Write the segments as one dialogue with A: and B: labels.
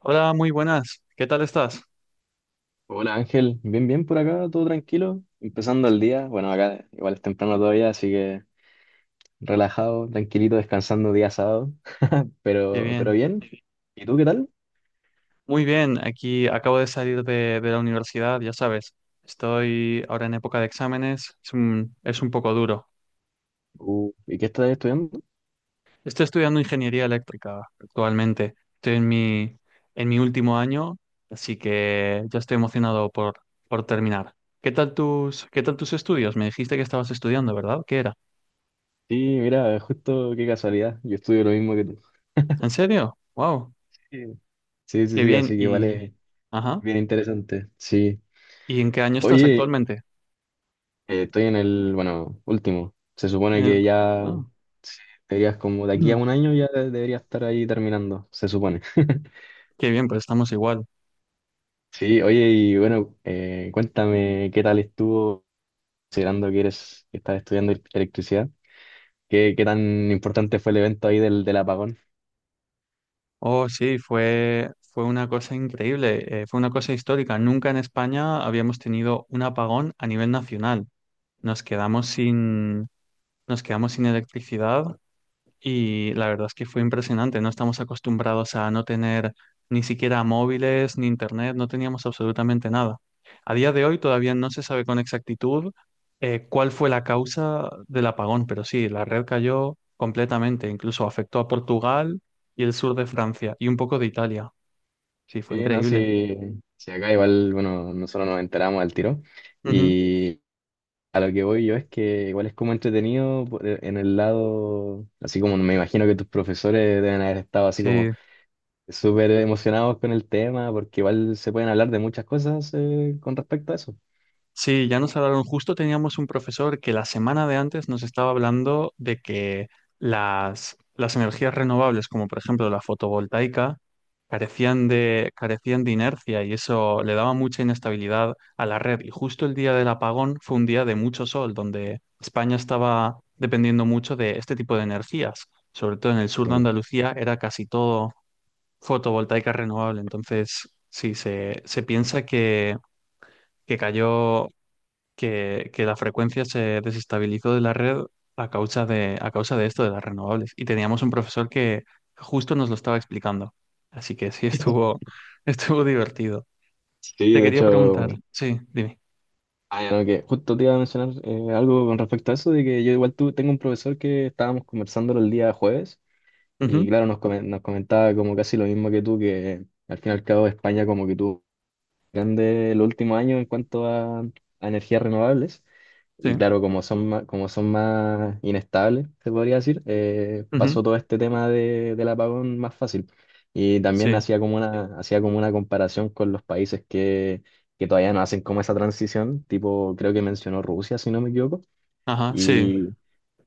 A: Hola, muy buenas. ¿Qué tal estás?
B: Hola Ángel, bien, bien por acá, todo tranquilo, empezando el día, bueno acá igual es temprano todavía, así que relajado, tranquilito, descansando día sábado,
A: Qué
B: pero
A: bien.
B: bien, ¿y tú qué tal?
A: Muy bien, aquí acabo de salir de la universidad, ya sabes. Estoy ahora en época de exámenes, es un poco duro.
B: ¿Y qué estás estudiando?
A: Estoy estudiando ingeniería eléctrica actualmente. En mi último año, así que ya estoy por terminar. ¿Qué tal tus estudios? Me dijiste que estabas estudiando, ¿verdad? ¿Qué era?
B: Sí, mira, justo qué casualidad, yo estudio lo mismo que tú.
A: ¿En serio? ¡Wow!
B: Sí, sí, sí,
A: Qué
B: sí,
A: bien.
B: así que
A: Y,
B: vale,
A: ajá.
B: bien interesante, sí.
A: ¿Y en qué año estás
B: Oye,
A: actualmente?
B: estoy en el, bueno, último, se supone
A: En el-
B: que ya
A: ah.
B: deberías, como de aquí a
A: Mm.
B: un año ya deberías estar ahí terminando, se supone.
A: Qué bien, pues estamos igual.
B: Sí, oye, y bueno, cuéntame qué tal estuvo, considerando que eres, que estás estudiando electricidad, qué, qué tan importante fue el evento ahí del, del apagón.
A: Oh, sí, fue una cosa increíble, fue una cosa histórica. Nunca en España habíamos tenido un apagón a nivel nacional. Nos quedamos sin, Nos quedamos sin electricidad. Y la verdad es que fue impresionante. No estamos acostumbrados a no tener ni siquiera móviles ni internet, no teníamos absolutamente nada. A día de hoy todavía no se sabe con exactitud cuál fue la causa del apagón, pero sí, la red cayó completamente, incluso afectó a Portugal y el sur de Francia y un poco de Italia. Sí, fue
B: Sí, no,
A: increíble.
B: sí, sí, acá igual, bueno, nosotros nos enteramos al tiro.
A: Ujú.
B: Y a lo que voy yo es que igual es como entretenido en el lado, así como me imagino que tus profesores deben haber estado así como
A: Sí,
B: súper emocionados con el tema, porque igual se pueden hablar de muchas cosas con respecto a eso.
A: sí, ya nos hablaron. Justo teníamos un profesor que la semana de antes nos estaba hablando de que las energías renovables, como por ejemplo la fotovoltaica, carecían de inercia y eso le daba mucha inestabilidad a la red. Y justo el día del apagón fue un día de mucho sol, donde España estaba dependiendo mucho de este tipo de energías. Sobre todo en el sur de
B: Mm.
A: Andalucía era casi todo fotovoltaica renovable. Entonces, sí, se piensa que cayó, que la frecuencia se desestabilizó de la red a causa de esto de las renovables. Y teníamos un profesor que justo nos lo estaba explicando. Así que sí, estuvo divertido.
B: Sí,
A: Te
B: de
A: quería
B: hecho.
A: preguntar, sí, dime.
B: Ah, ya. Bueno, que justo te iba a mencionar algo con respecto a eso, de que yo igual tengo un profesor que estábamos conversando el día jueves y
A: Ujú,
B: claro, nos, nos comentaba como casi lo mismo que tú, que al fin y al cabo España como que tuvo grande el último año en cuanto a energías renovables. Y
A: sí,
B: claro, como son más inestables, se podría decir,
A: ujú,
B: pasó todo este tema de, del apagón más fácil. Y también
A: sí,
B: hacía como una comparación con los países que todavía no hacen como esa transición, tipo, creo que mencionó Rusia, si no me equivoco.
A: ajá, sí,
B: Y,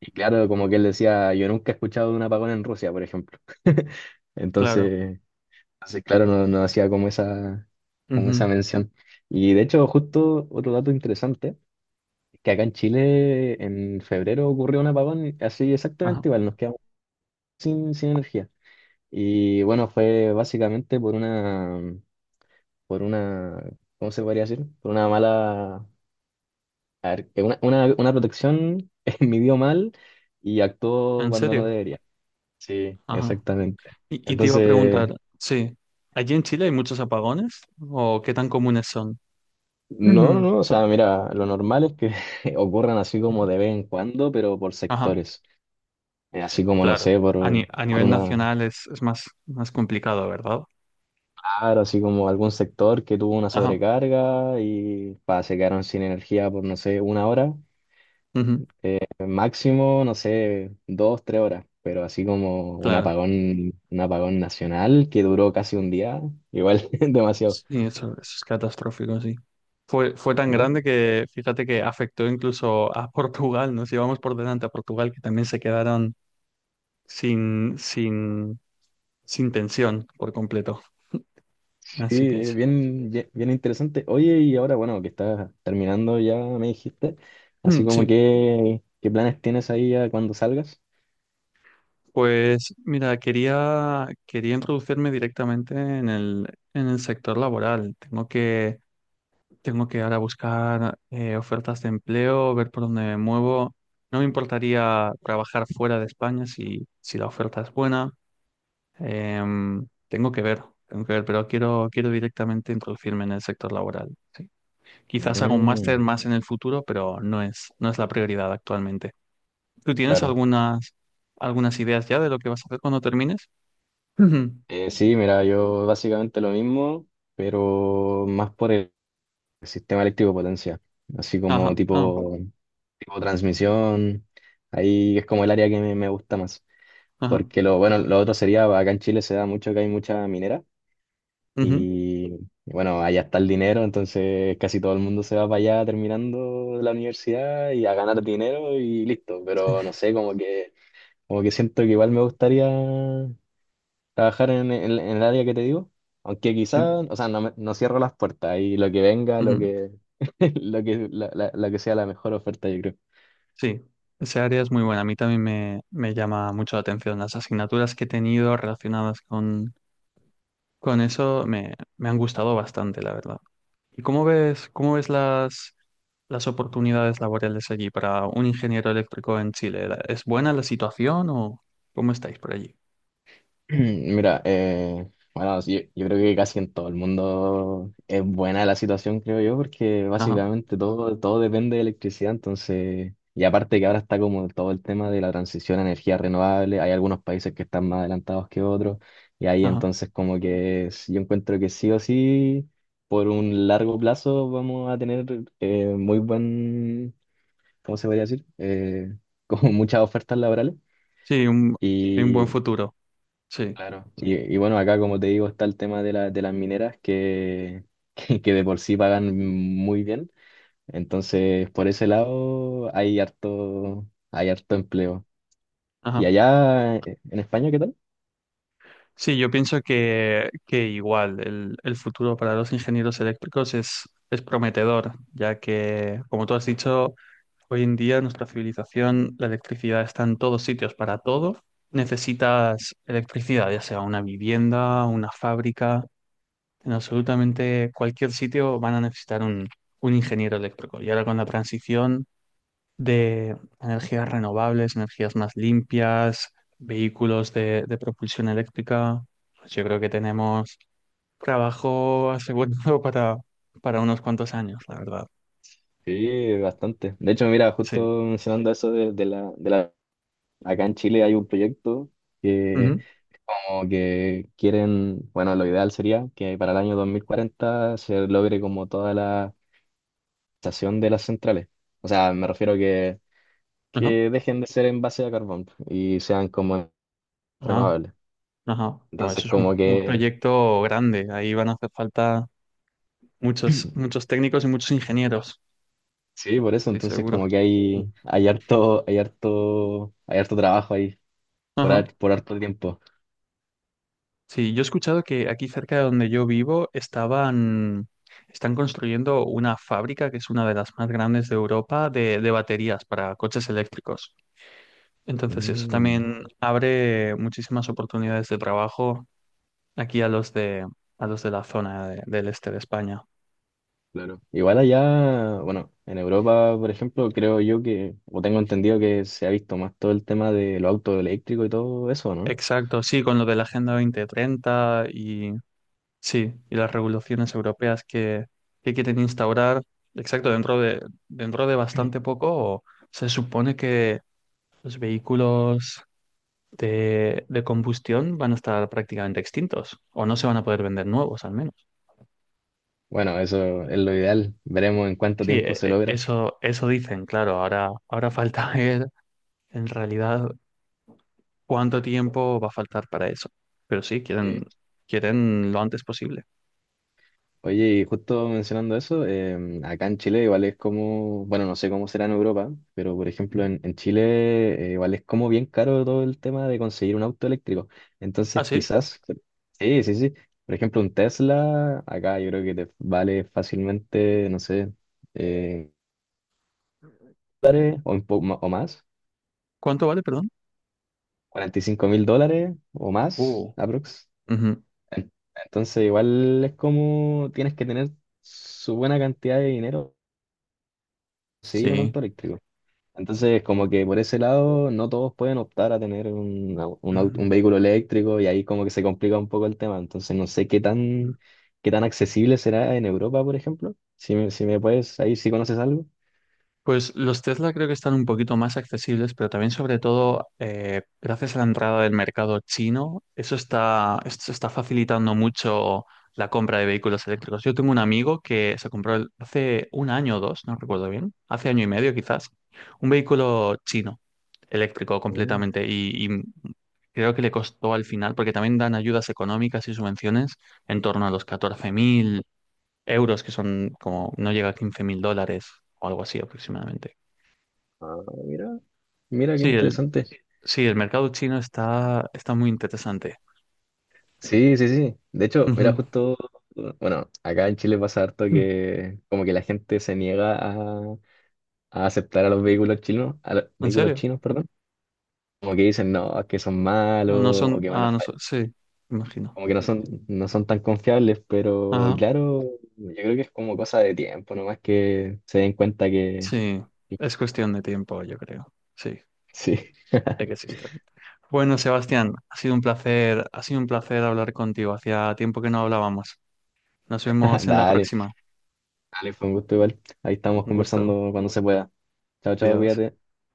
B: y claro, como que él decía, yo nunca he escuchado de un apagón en Rusia, por ejemplo.
A: claro.
B: Entonces... Así, claro, no, no hacía como
A: Ujú,
B: esa mención. Y de hecho, justo otro dato interesante, es que acá en Chile en febrero ocurrió un apagón así
A: ajá.
B: exactamente igual, nos quedamos sin, sin energía. Y bueno, fue básicamente por una, ¿cómo se podría decir? Por una mala, a ver, que una protección midió mal y actuó
A: ¿En
B: cuando no
A: serio?
B: debería. Sí,
A: Ajá.
B: exactamente.
A: Y te iba a
B: Entonces,
A: preguntar, sí, ¿allí en Chile hay muchos apagones o qué tan comunes son?
B: no, no,
A: Ujú,
B: no, o sea, mira, lo normal es que ocurran así como
A: ujú,
B: de vez en cuando, pero por
A: ajá.
B: sectores. Así como, no
A: Claro,
B: sé,
A: a, ni- a
B: por
A: nivel
B: una,
A: nacional es, más complicado, ¿verdad?
B: claro, así como algún sector que tuvo una
A: Ajá,
B: sobrecarga y pa, se quedaron sin energía por, no sé, una hora,
A: ujú,
B: eh, máximo, no sé, dos, tres horas, pero así como
A: claro.
B: un apagón nacional que duró casi un día, igual demasiado,
A: Sí, eso es catastrófico, sí. Fue tan
B: ¿no?
A: grande que fíjate que afectó incluso a Portugal, nos llevamos por delante a Portugal, que también se quedaron sin, sin, sin tensión por completo.
B: Sí,
A: Así que sí.
B: bien, bien interesante. Oye, y ahora, bueno, que estás terminando ya, me dijiste, así
A: Mm,
B: como
A: sí,
B: que, ¿qué planes tienes ahí a cuando salgas?
A: pues mira, quería introducirme directamente en el sector laboral. Tengo que, tengo que ahora buscar ofertas de empleo, ver por dónde me muevo. No me importaría trabajar fuera de España si, si la oferta es buena. Tengo que ver, tengo que ver, pero quiero, quiero directamente introducirme en el sector laboral. Sí. Quizás haga un máster
B: Mm,
A: más en el futuro, pero no es, no es la prioridad actualmente. ¿Tú tienes
B: claro.
A: algunas, algunas ideas ya de lo que vas a hacer cuando termines? Ujú.
B: Sí, mira, yo básicamente lo mismo, pero más por el sistema eléctrico de potencia, así como
A: Ajá, ah,
B: tipo, tipo transmisión, ahí es como el área que me gusta más,
A: ajá,
B: porque lo, bueno, lo otro sería, acá en Chile se da mucho que hay mucha minera.
A: ujú.
B: Y bueno, allá está el dinero, entonces casi todo el mundo se va para allá terminando la universidad y a ganar dinero y listo.
A: Sí,
B: Pero no sé, como que siento que igual me gustaría trabajar en el área que te digo. Aunque
A: sí.
B: quizás, o sea, no, no cierro las puertas y lo que venga, lo
A: Ujú.
B: que, lo que, la que sea la mejor oferta, yo creo.
A: Sí, esa área es muy buena. A mí también me llama mucho la atención. Las asignaturas que he tenido relacionadas con eso me, me han gustado bastante, la verdad. ¿Y cómo ves las oportunidades laborales allí para un ingeniero eléctrico en Chile? ¿La- ¿Es buena la situación o cómo estáis por allí?
B: Mira, bueno, sí, yo creo que casi en todo el mundo es buena la situación, creo yo, porque
A: Ajá,
B: básicamente todo, todo depende de electricidad, entonces, y aparte que ahora está como todo el tema de la transición a energía renovable, hay algunos países que están más adelantados que otros, y ahí
A: ajá.
B: entonces como que yo encuentro que sí o sí, por un largo plazo vamos a tener muy buen, ¿cómo se podría decir? Como muchas ofertas laborales.
A: Sí, un, hay un
B: Sí.
A: buen
B: Y
A: futuro. Sí,
B: claro, y bueno, acá como te digo está el tema de, de las mineras que, que de por sí pagan muy bien. Entonces, por ese lado hay harto empleo. ¿Y
A: ajá.
B: allá en España qué tal?
A: Sí, yo pienso que igual el futuro para los ingenieros eléctricos es prometedor, ya que, como tú has dicho, hoy en día nuestra civilización, la electricidad está en todos sitios, para todo necesitas electricidad, ya sea una vivienda, una fábrica, en absolutamente cualquier sitio van a necesitar un ingeniero eléctrico. Y ahora con la transición de energías renovables, energías más limpias, vehículos de propulsión eléctrica, pues yo creo que tenemos trabajo asegurado para unos cuantos años, la verdad.
B: Sí, bastante. De hecho, mira, justo
A: Sí.
B: mencionando eso de la... Acá en Chile hay un proyecto que
A: Ujú.
B: como que quieren, bueno, lo ideal sería que para el año 2040 se logre como toda la estación de las centrales. O sea, me refiero
A: Ajá.
B: que dejen de ser en base a carbón y sean como
A: Ah,
B: renovables.
A: ajá. Bueno,
B: Entonces,
A: eso es
B: como
A: un
B: que,
A: proyecto grande. Ahí van a hacer falta muchos, muchos técnicos y muchos ingenieros,
B: sí, por eso,
A: estoy
B: entonces como
A: seguro.
B: que hay harto trabajo ahí por,
A: Ajá.
B: por harto tiempo.
A: Sí, yo he escuchado que aquí cerca de donde yo vivo estaban, están construyendo una fábrica que es una de las más grandes de Europa de baterías para coches eléctricos. Entonces eso
B: Mm.
A: también abre muchísimas oportunidades de trabajo aquí a los de la zona de- del este de España.
B: Claro. Igual allá, bueno, en Europa, por ejemplo, creo yo que, o tengo entendido que se ha visto más todo el tema de los autos eléctricos y todo eso, ¿no?
A: Exacto, sí, con lo de la Agenda 2030 y sí, y las regulaciones europeas que quieren instaurar, exacto, dentro de bastante poco se supone que los vehículos de combustión van a estar prácticamente extintos o no se van a poder vender nuevos al menos.
B: Bueno, eso es lo ideal. Veremos en cuánto
A: Sí,
B: tiempo se logra.
A: eso, eso dicen, claro. Ahora, ahora falta ver en realidad cuánto tiempo va a faltar para eso. Pero sí,
B: Sí.
A: quieren, quieren lo antes posible.
B: Oye, y justo mencionando eso, acá en Chile igual es como, bueno, no sé cómo será en Europa, pero por
A: Ujú.
B: ejemplo en Chile igual es como bien caro todo el tema de conseguir un auto eléctrico.
A: Ah,
B: Entonces
A: sí.
B: quizás, sí, sí, sí, por ejemplo un Tesla, acá yo creo que te vale fácilmente, no sé, eh, dólares o, o más,
A: ¿Cuánto vale, perdón?
B: $45.000 o más,
A: Uh,
B: aprox.
A: ujú,
B: En- Entonces igual es como tienes que tener su buena cantidad de dinero para conseguir un
A: sí.
B: auto eléctrico. Entonces, como que por ese lado, no todos pueden optar a tener
A: Ujú.
B: un vehículo eléctrico y ahí como que se complica un poco el tema. Entonces, no sé qué tan accesible será en Europa, por ejemplo. Si me, si me puedes, ahí si conoces algo.
A: Pues los Tesla creo que están un poquito más accesibles, pero también sobre todo gracias a la entrada del mercado chino, eso está, esto está facilitando mucho la compra de vehículos eléctricos. Yo tengo un amigo que se compró el- hace un año o dos, no recuerdo bien, hace año y medio quizás, un vehículo chino, eléctrico
B: Mm,
A: completamente, y creo que le costó al final, porque también dan ayudas económicas y subvenciones en torno a los 14.000 euros, que son como, no llega a 15.000 dólares o algo así aproximadamente.
B: ah, mira. Mira, qué
A: Sí, el,
B: interesante.
A: sí, el mercado chino está, está muy interesante.
B: Sí, sí, sí. De hecho, mira,
A: Ujú.
B: justo, bueno, acá en Chile pasa harto
A: Mm.
B: que como que la gente se niega a aceptar a los vehículos chinos, a los
A: ¿En
B: vehículos
A: serio?
B: chinos, perdón. Como que dicen, no, es que son malos o que van a
A: Ah, no
B: fallar.
A: son, sí, imagino.
B: Como que no son, no son tan confiables, pero
A: Ajá,
B: claro, yo creo que es como cosa de tiempo, nomás que se den cuenta que
A: sí, es cuestión de tiempo, yo creo. Sí,
B: sí.
A: de que existen. Bueno, Sebastián, ha sido un placer, ha sido un placer hablar contigo. Hacía tiempo que no hablábamos. Nos vemos en la
B: Dale,
A: próxima.
B: dale, fue un gusto igual. Ahí estamos
A: Un gusto.
B: conversando cuando se pueda. Chao, chao,
A: Adiós.
B: cuídate.